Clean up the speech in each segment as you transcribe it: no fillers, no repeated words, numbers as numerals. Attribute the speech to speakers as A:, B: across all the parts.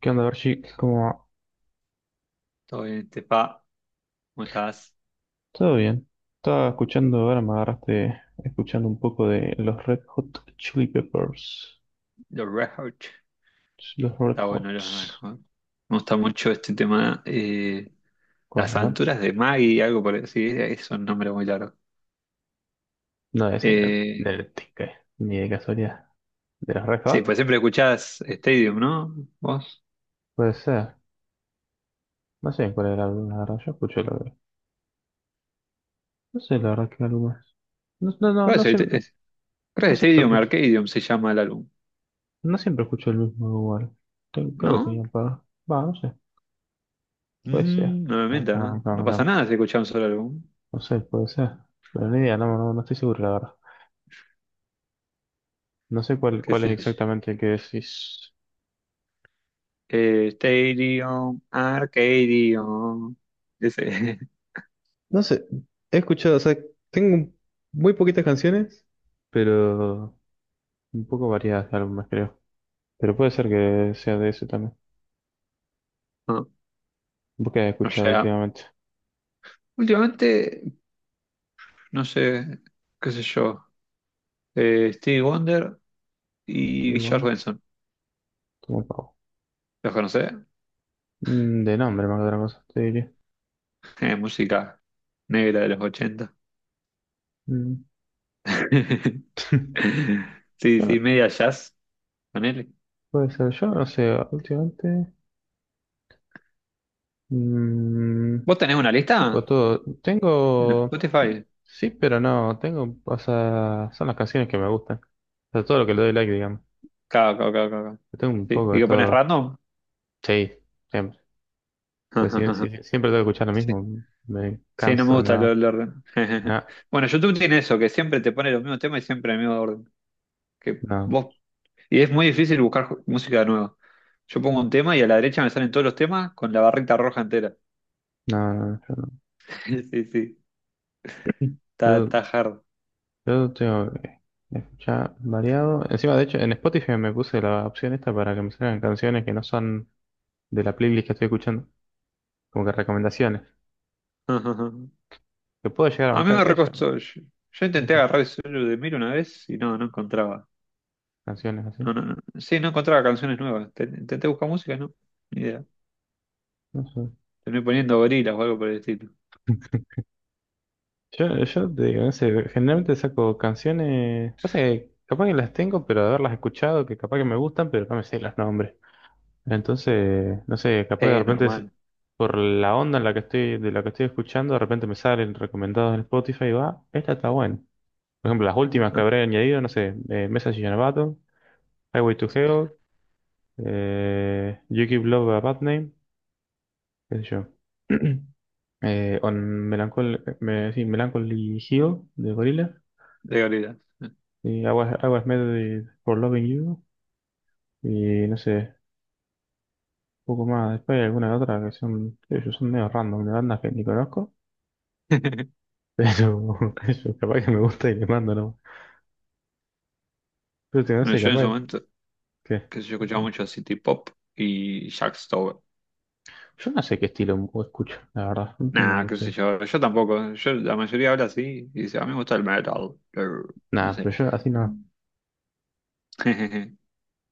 A: ¿Qué onda, Berchi? ¿Cómo?
B: Todo bien, Tepa, ¿cómo estás?
A: Todo bien. Estaba escuchando, ahora me agarraste escuchando un poco de los Red Hot Chili Peppers.
B: Los Red Hot.
A: Los Red
B: Está bueno los Red
A: Hots.
B: Hot. Me gusta mucho este tema.
A: ¿Cuál,
B: Las
A: eh?
B: aventuras de Maggie, algo por así. Es un nombre muy largo.
A: No es en el, en
B: Eh,
A: el tique, ni de casualidad. ¿De los Red
B: sí,
A: Hot?
B: pues siempre escuchás Stadium, ¿no? ¿Vos?
A: Puede ser. No sé en cuál era el álbum, la verdad. Yo escucho la verdad. No sé la verdad qué álbum es. No, no, no,
B: Bueno,
A: no, no
B: creo que
A: siempre
B: Stadium
A: escucho.
B: Arcadium se llama el álbum,
A: No siempre escucho el mismo igual. Creo que tenía
B: ¿no?
A: un par. Va, no sé. Puede ser.
B: Mm, no me mientas, ¿eh? No pasa nada si escuchás un solo álbum.
A: No sé, puede ser. Pero ni idea, no, no, no estoy seguro, la verdad. No sé cuál,
B: ¿Qué
A: cuál es
B: sé yo?
A: exactamente el que decís.
B: Stadium Arcadium. Ese.
A: No sé, he escuchado, o sea, tengo muy poquitas canciones, pero un poco variadas de álbumes, creo. Pero puede ser que sea de ese también.
B: No,
A: ¿Vos qué has
B: no
A: escuchado
B: llega.
A: últimamente?
B: Últimamente. No sé, qué sé yo. Stevie Wonder
A: Sí,
B: y George
A: bueno,
B: Benson.
A: como pavo.
B: ¿Los conocés?
A: Mm, de nombre, más que otra cosa, te diría.
B: Música negra de los ochenta.
A: Mm. Yo
B: Sí, sí,
A: no-
B: media jazz. Ponele.
A: Puede ser, yo no sé, últimamente. mm,
B: ¿Vos tenés una
A: Poco
B: lista?
A: todo.
B: En
A: Tengo.
B: Spotify.
A: Sí, pero no. Tengo. O sea, son las canciones que me gustan. O sea, todo lo que le doy like, digamos.
B: Claro, claro, claro, claro.
A: Yo tengo un
B: Sí.
A: poco
B: ¿Y
A: de
B: qué pones
A: todo.
B: random?
A: Sí, siempre. Pues si, si- si siempre tengo que escuchar lo
B: Sí.
A: mismo. Me
B: Sí, no me
A: canso,
B: gusta el
A: no.
B: el orden.
A: No,
B: Bueno, YouTube tiene eso, que siempre te pone los mismos temas y siempre el mismo orden. Que
A: no,
B: vos... Y es muy difícil buscar música nueva. Yo pongo un tema y a la derecha me salen todos los temas con la barrita roja entera.
A: no, no, yo no.
B: Sí, sí, está,
A: Yo,
B: está hard.
A: yo tengo que escuchar variado. Encima, de hecho, en Spotify me puse la opción esta para que me salgan canciones que no son de la playlist que estoy escuchando, como que recomendaciones, que puedo llegar a
B: A mí
A: bancar
B: me
A: aquello,
B: recostó. Yo intenté
A: ¿viste?
B: agarrar el solo de Miro una vez y no, no encontraba.
A: Canciones así.
B: No, no, no. Sí, no encontraba canciones nuevas. Intenté buscar música, no. Ni idea.
A: No sé.
B: Terminé poniendo gorilas o algo por el estilo.
A: Yo te digo, no sé, generalmente saco canciones, pasa que capaz que las tengo, pero de haberlas escuchado, que capaz que me gustan, pero no me sé los nombres. Entonces, no sé, capaz que de repente
B: Normal.
A: por la onda en la que estoy, de la que estoy escuchando, de repente me salen recomendados en Spotify y va, esta está buena. Por ejemplo, las últimas que
B: ¿No?
A: habré añadido, no sé, Message in a Bottle, Highway to Hell, You Give Love a Bad Name, qué sé yo. On Melancholy, me, sí, Melancholy Hill de Gorilla.
B: De gorilas.
A: Y I was made for loving you. Y no sé, un poco más. Después hay algunas otras que son, que yo son medio random, de bandas que ni conozco. Pero eso, capaz que me gusta y le mando, ¿no? Pero te- no
B: Bueno,
A: sé,
B: yo en ese
A: capaz
B: momento,
A: que...
B: que sé yo escuchaba mucho City Pop y Jack Stover.
A: Yo no sé qué estilo o escucho, la verdad. No tengo
B: Nah, qué
A: mucho.
B: sé yo, yo tampoco. Yo, la mayoría habla así y dice, a mí me gusta el metal. Grr, no
A: Nada, pero
B: sé.
A: yo así no.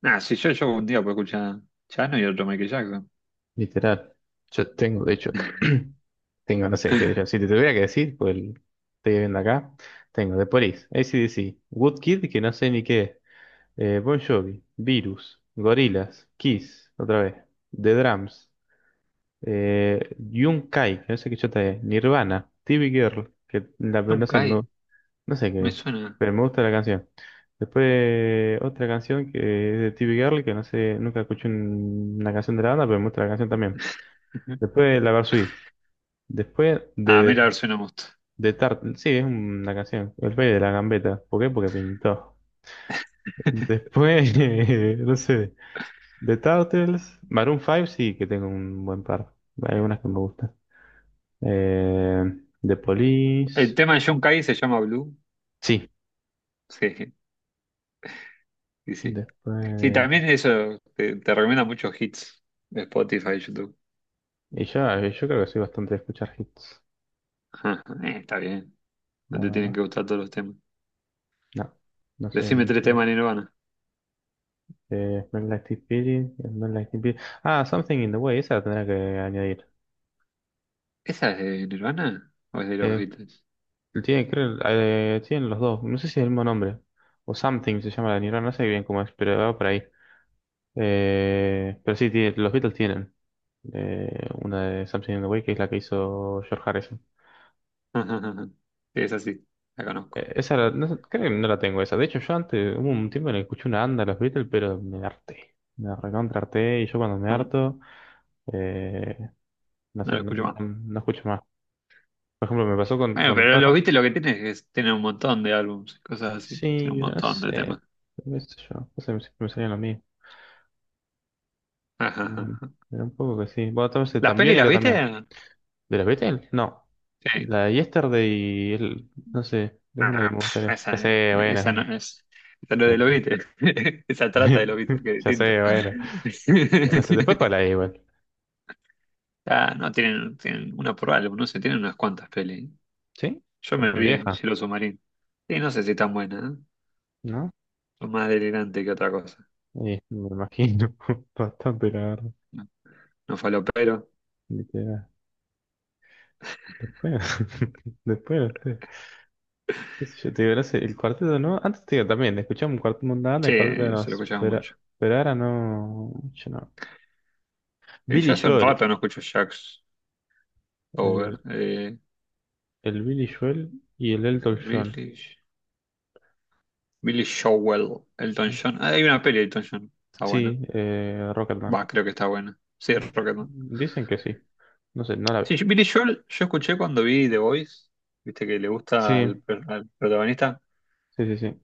B: Nah, si yo un día puedo escuchar Chano y otro Michael Jackson.
A: Literal. Yo tengo, de hecho, tengo, no sé qué decir. Si te tuviera que decir, pues el- estoy viendo acá. Tengo The Police, AC/DC, Woodkid, que no sé ni qué es. Eh, Bon Jovi, Virus, Gorillaz, Kiss, otra vez, The Drums, Yunkai, que no sé qué chota es, Nirvana, TV Girl, que no
B: John
A: sé,
B: Kay,
A: no sé qué
B: me
A: es,
B: suena.
A: pero me gusta la canción. Después otra canción que es de TV Girl, que no sé, nunca escuché una canción de la banda, pero me gusta la canción también. Después La Varsity. Después de,
B: Ah, mira, a
A: de,
B: ver si no me gusta.
A: de Tart, sí, es una canción, El Rey de la Gambeta. ¿Por qué? Porque pintó. Después, no sé. The Turtles, Maroon 5 sí que tengo un buen par. Hay algunas que me gustan. Eh, The
B: El
A: Police,
B: tema de John Kay se llama Blue.
A: sí.
B: Sí, sí, sí. Sí,
A: Después...
B: también eso te, te recomienda muchos hits de Spotify y YouTube.
A: Y ya, yo creo que soy bastante de escuchar hits,
B: Está bien, no
A: la
B: te tienen que
A: verdad.
B: gustar todos los temas.
A: No, no soy
B: Decime tres
A: mucho.
B: temas de Nirvana.
A: Smell Like Teen Spirit, Smell Like Teen Spirit. Ah, Something in the Way, esa la tendrá que añadir.
B: ¿Esa es de Nirvana o es de los
A: Eh,
B: Beatles?
A: tienen, creo, tienen los dos, no sé si es el mismo nombre. O Something se llama la Nirvana, no sé bien cómo es, pero va por ahí. Pero sí, los Beatles tienen de una de Something in the Way, que es la que hizo George Harrison.
B: Ajá, ajá. Sí, es así, la conozco.
A: No sé, creo que no la tengo esa. De hecho, yo antes hubo un tiempo en el que escuché una anda de los Beatles, pero me harté. Me recontra harté y yo cuando me
B: No,
A: harto, eh, no
B: no
A: sé,
B: la escucho más.
A: no escucho más. Por ejemplo, me pasó con,
B: Bueno,
A: con los
B: pero los
A: Ramones.
B: viste lo que tiene es que tienen un montón de álbumes y cosas así. Tiene
A: Sí,
B: un
A: pero no
B: montón de
A: sé,
B: temas.
A: qué sé yo, no sé, siempre me salían lo mismo.
B: Ajá, ajá, ajá.
A: Pero un poco que sí. Bueno, entonces
B: ¿Las
A: también
B: pelis las
A: y también.
B: viste?
A: ¿De los Beatles? No.
B: Sí.
A: La de Yesterday, no sé, es una que
B: Ah,
A: me
B: pf,
A: gustaría. Ya
B: esa,
A: sé, bueno,
B: esa no es. Esa no es de los
A: un...
B: Beatles. Esa trata de los Beatles, que es
A: Ya
B: distinto.
A: sé, bueno. Pero no sé, después cuál hay igual.
B: Ah, no, tienen, tienen una por álbum, no sé, tienen unas cuantas pelis.
A: ¿Sí?
B: Yo
A: Pero
B: me
A: son
B: vi
A: viejas,
B: Cielo Submarino. Y no sé si tan buena, ¿eh?
A: ¿no?
B: Son más delirante que otra cosa.
A: Y me imagino. Bastante, la verdad.
B: No, no falopero.
A: Literal. Después, después, no sé. ¿Qué sé yo? Te digo, no sé, el cuarteto, ¿no? Antes te digo también, escuchaba un cuarteto, una
B: Sí,
A: el cuarteto no
B: se lo
A: nos.
B: escuchaba mucho.
A: Pero ahora no. Yo no.
B: Y
A: Billy
B: ya hace un
A: Joel.
B: rato no escucho Jax Over.
A: El, el Billy Joel y el Elton John.
B: Billy, Billy Joel, Elton John. Ah, hay una peli de Elton John. Está buena.
A: Sí, Rocketman.
B: Va, creo que está buena. Sí, Rocketman.
A: Dicen que sí. No sé, no la vi.
B: Sí, Billy Joel yo escuché cuando vi The Voice. Viste que le gusta
A: Sí,
B: al, al protagonista.
A: sí, sí, sí.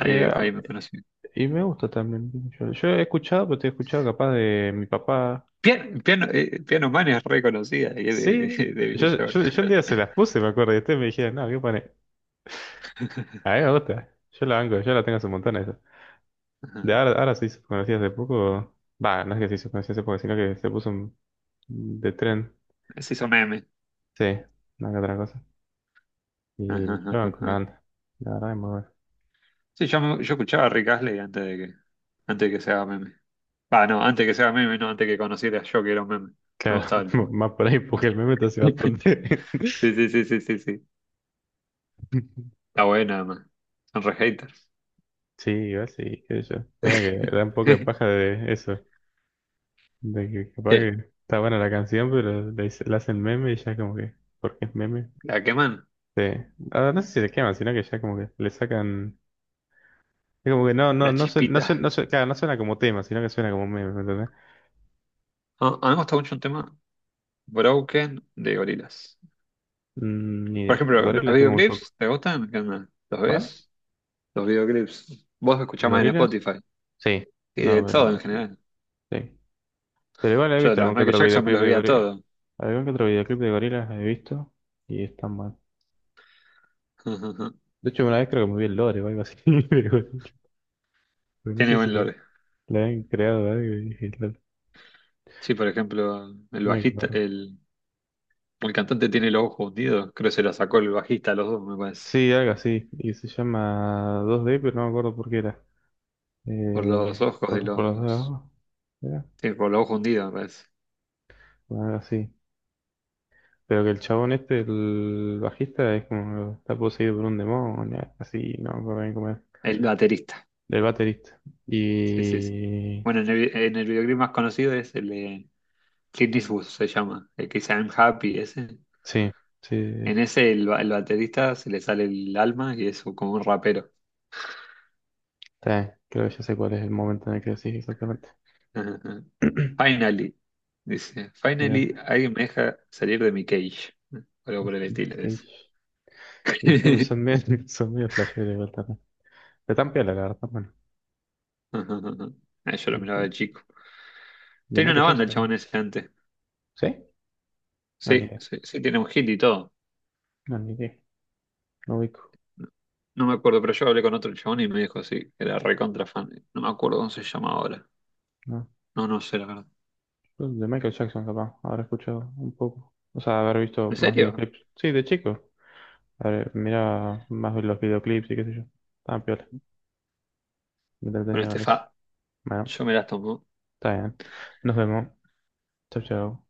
A: Y,
B: ahí me conocí.
A: y me gusta también mucho. Yo he escuchado, pero te he escuchado capaz de mi papá.
B: Piano, Piano Man es reconocida y es
A: Sí,
B: de, de Billy
A: yo,
B: Joel.
A: yo, yo un día se las puse, me acuerdo, y ustedes me dijeron, no, ¿qué pone? A mí me gusta. Yo la banco, yo la tengo hace un montón esa. De
B: Ajá.
A: ahora, ahora se hizo conocida hace poco. Va, no es que se hizo conocida hace poco, sino que se puso de tren.
B: Se hizo meme.
A: Sí, no que otra cosa.
B: Ajá,
A: Y yo
B: ajá,
A: banco una
B: ajá.
A: banda. La verdad es muy buena.
B: Sí, yo escuchaba a Rick Astley antes de que, antes de que se haga meme. Ah, no, antes de que se haga meme, no, antes que conociera yo que era un meme. Me
A: Claro,
B: gustaba el tema.
A: más por ahí, porque el meme está hace bastante.
B: Sí, sí, sí, sí, sí, sí. Está buena, man. Son re haters.
A: Sí, igual sí, qué sé yo. Mira que da un poco de paja de eso. De que capaz que
B: ¿Qué?
A: está buena la canción, pero le hacen meme y ya como que, porque es meme,
B: ¿La queman?
A: sí, ah, no sé si le queman, sino que ya como que le sacan, es como que no, no,
B: ¿La
A: no suena,
B: chispita?
A: claro, no suena como tema, sino que suena como meme, ¿me entendés?
B: Ah, a mí me gusta mucho un tema, Broken, de Gorillaz.
A: Mm, ni
B: Por
A: idea. De
B: ejemplo, ¿los
A: gorilas tengo muy poco.
B: videoclips te gustan? ¿Qué onda? ¿Los
A: ¿Cuál?
B: ves? Los videoclips. Vos
A: ¿De
B: escuchás más en
A: gorilas?
B: Spotify.
A: Sí,
B: Y de
A: no veo
B: todo en
A: mucho.
B: general.
A: Sí. Pero igual he
B: Yo de
A: visto
B: los
A: algún que
B: Michael
A: otro
B: Jackson me
A: videoclip
B: los
A: de
B: veía
A: gorilas.
B: todo.
A: Algún que otro videoclip de gorilas he visto y están mal. De hecho, una vez creo que me vi el lore o algo así de gorilas. Porque no
B: Tiene
A: sé si
B: buen
A: le,
B: lore.
A: le han creado algo y dije,
B: Sí, por ejemplo, el bajista,
A: Negro.
B: el... El cantante tiene los ojos hundidos, creo que se la sacó el bajista a los dos, me parece.
A: Sí, algo así. Y se llama 2D, pero no me acuerdo por qué era.
B: Por los
A: Eh,
B: ojos de
A: por las dos de
B: los.
A: abajo. Era.
B: Sí, por los ojos hundidos, me parece.
A: Bueno, algo así. Pero que el chabón este, el bajista, es como está poseído por un demonio, algo así, no me acuerdo bien cómo era.
B: El baterista.
A: Del baterista.
B: Sí, sí, sí.
A: Y
B: Bueno, en el videoclip más conocido es el de Clint Eastwood, se llama. El que dice I'm Happy, ese.
A: sí, sí, sí,
B: En ese, el baterista se le sale el alma y es como un rapero.
A: está bien. Creo que ya sé cuál es el momento en el que decís exactamente.
B: Finally, dice. Finally,
A: Mirá,
B: alguien me deja salir de mi cage. Algo por
A: es
B: el
A: el
B: estilo, dice.
A: Cage. Y son medio, son medio flasheros igual también. Pero tan piola, la verdad, bueno.
B: Ah, yo lo miraba de
A: Depende.
B: chico.
A: De
B: Tenía una
A: Michael
B: banda el
A: Jackson. ¿No?
B: chabón ese antes.
A: ¿Sí? No, ni
B: Sí,
A: idea.
B: sí, sí, tiene un hit y todo.
A: No, ni idea. No ubico.
B: No, no me acuerdo, pero yo hablé con otro chabón y me dijo sí, que era recontra fan. No me acuerdo cómo se llama ahora.
A: No.
B: No, no sé, la verdad.
A: De Michael Jackson, capaz. Habré escuchado un poco. O sea, haber visto
B: ¿En
A: más
B: serio?
A: videoclips. Sí, de chico. A ver, mira más los videoclips y qué sé yo. Estaban piola. Me
B: Bueno,
A: entretenía con eso.
B: Estefa,
A: Bueno,
B: yo me las tomo.
A: está bien. Nos vemos. Chau, chau.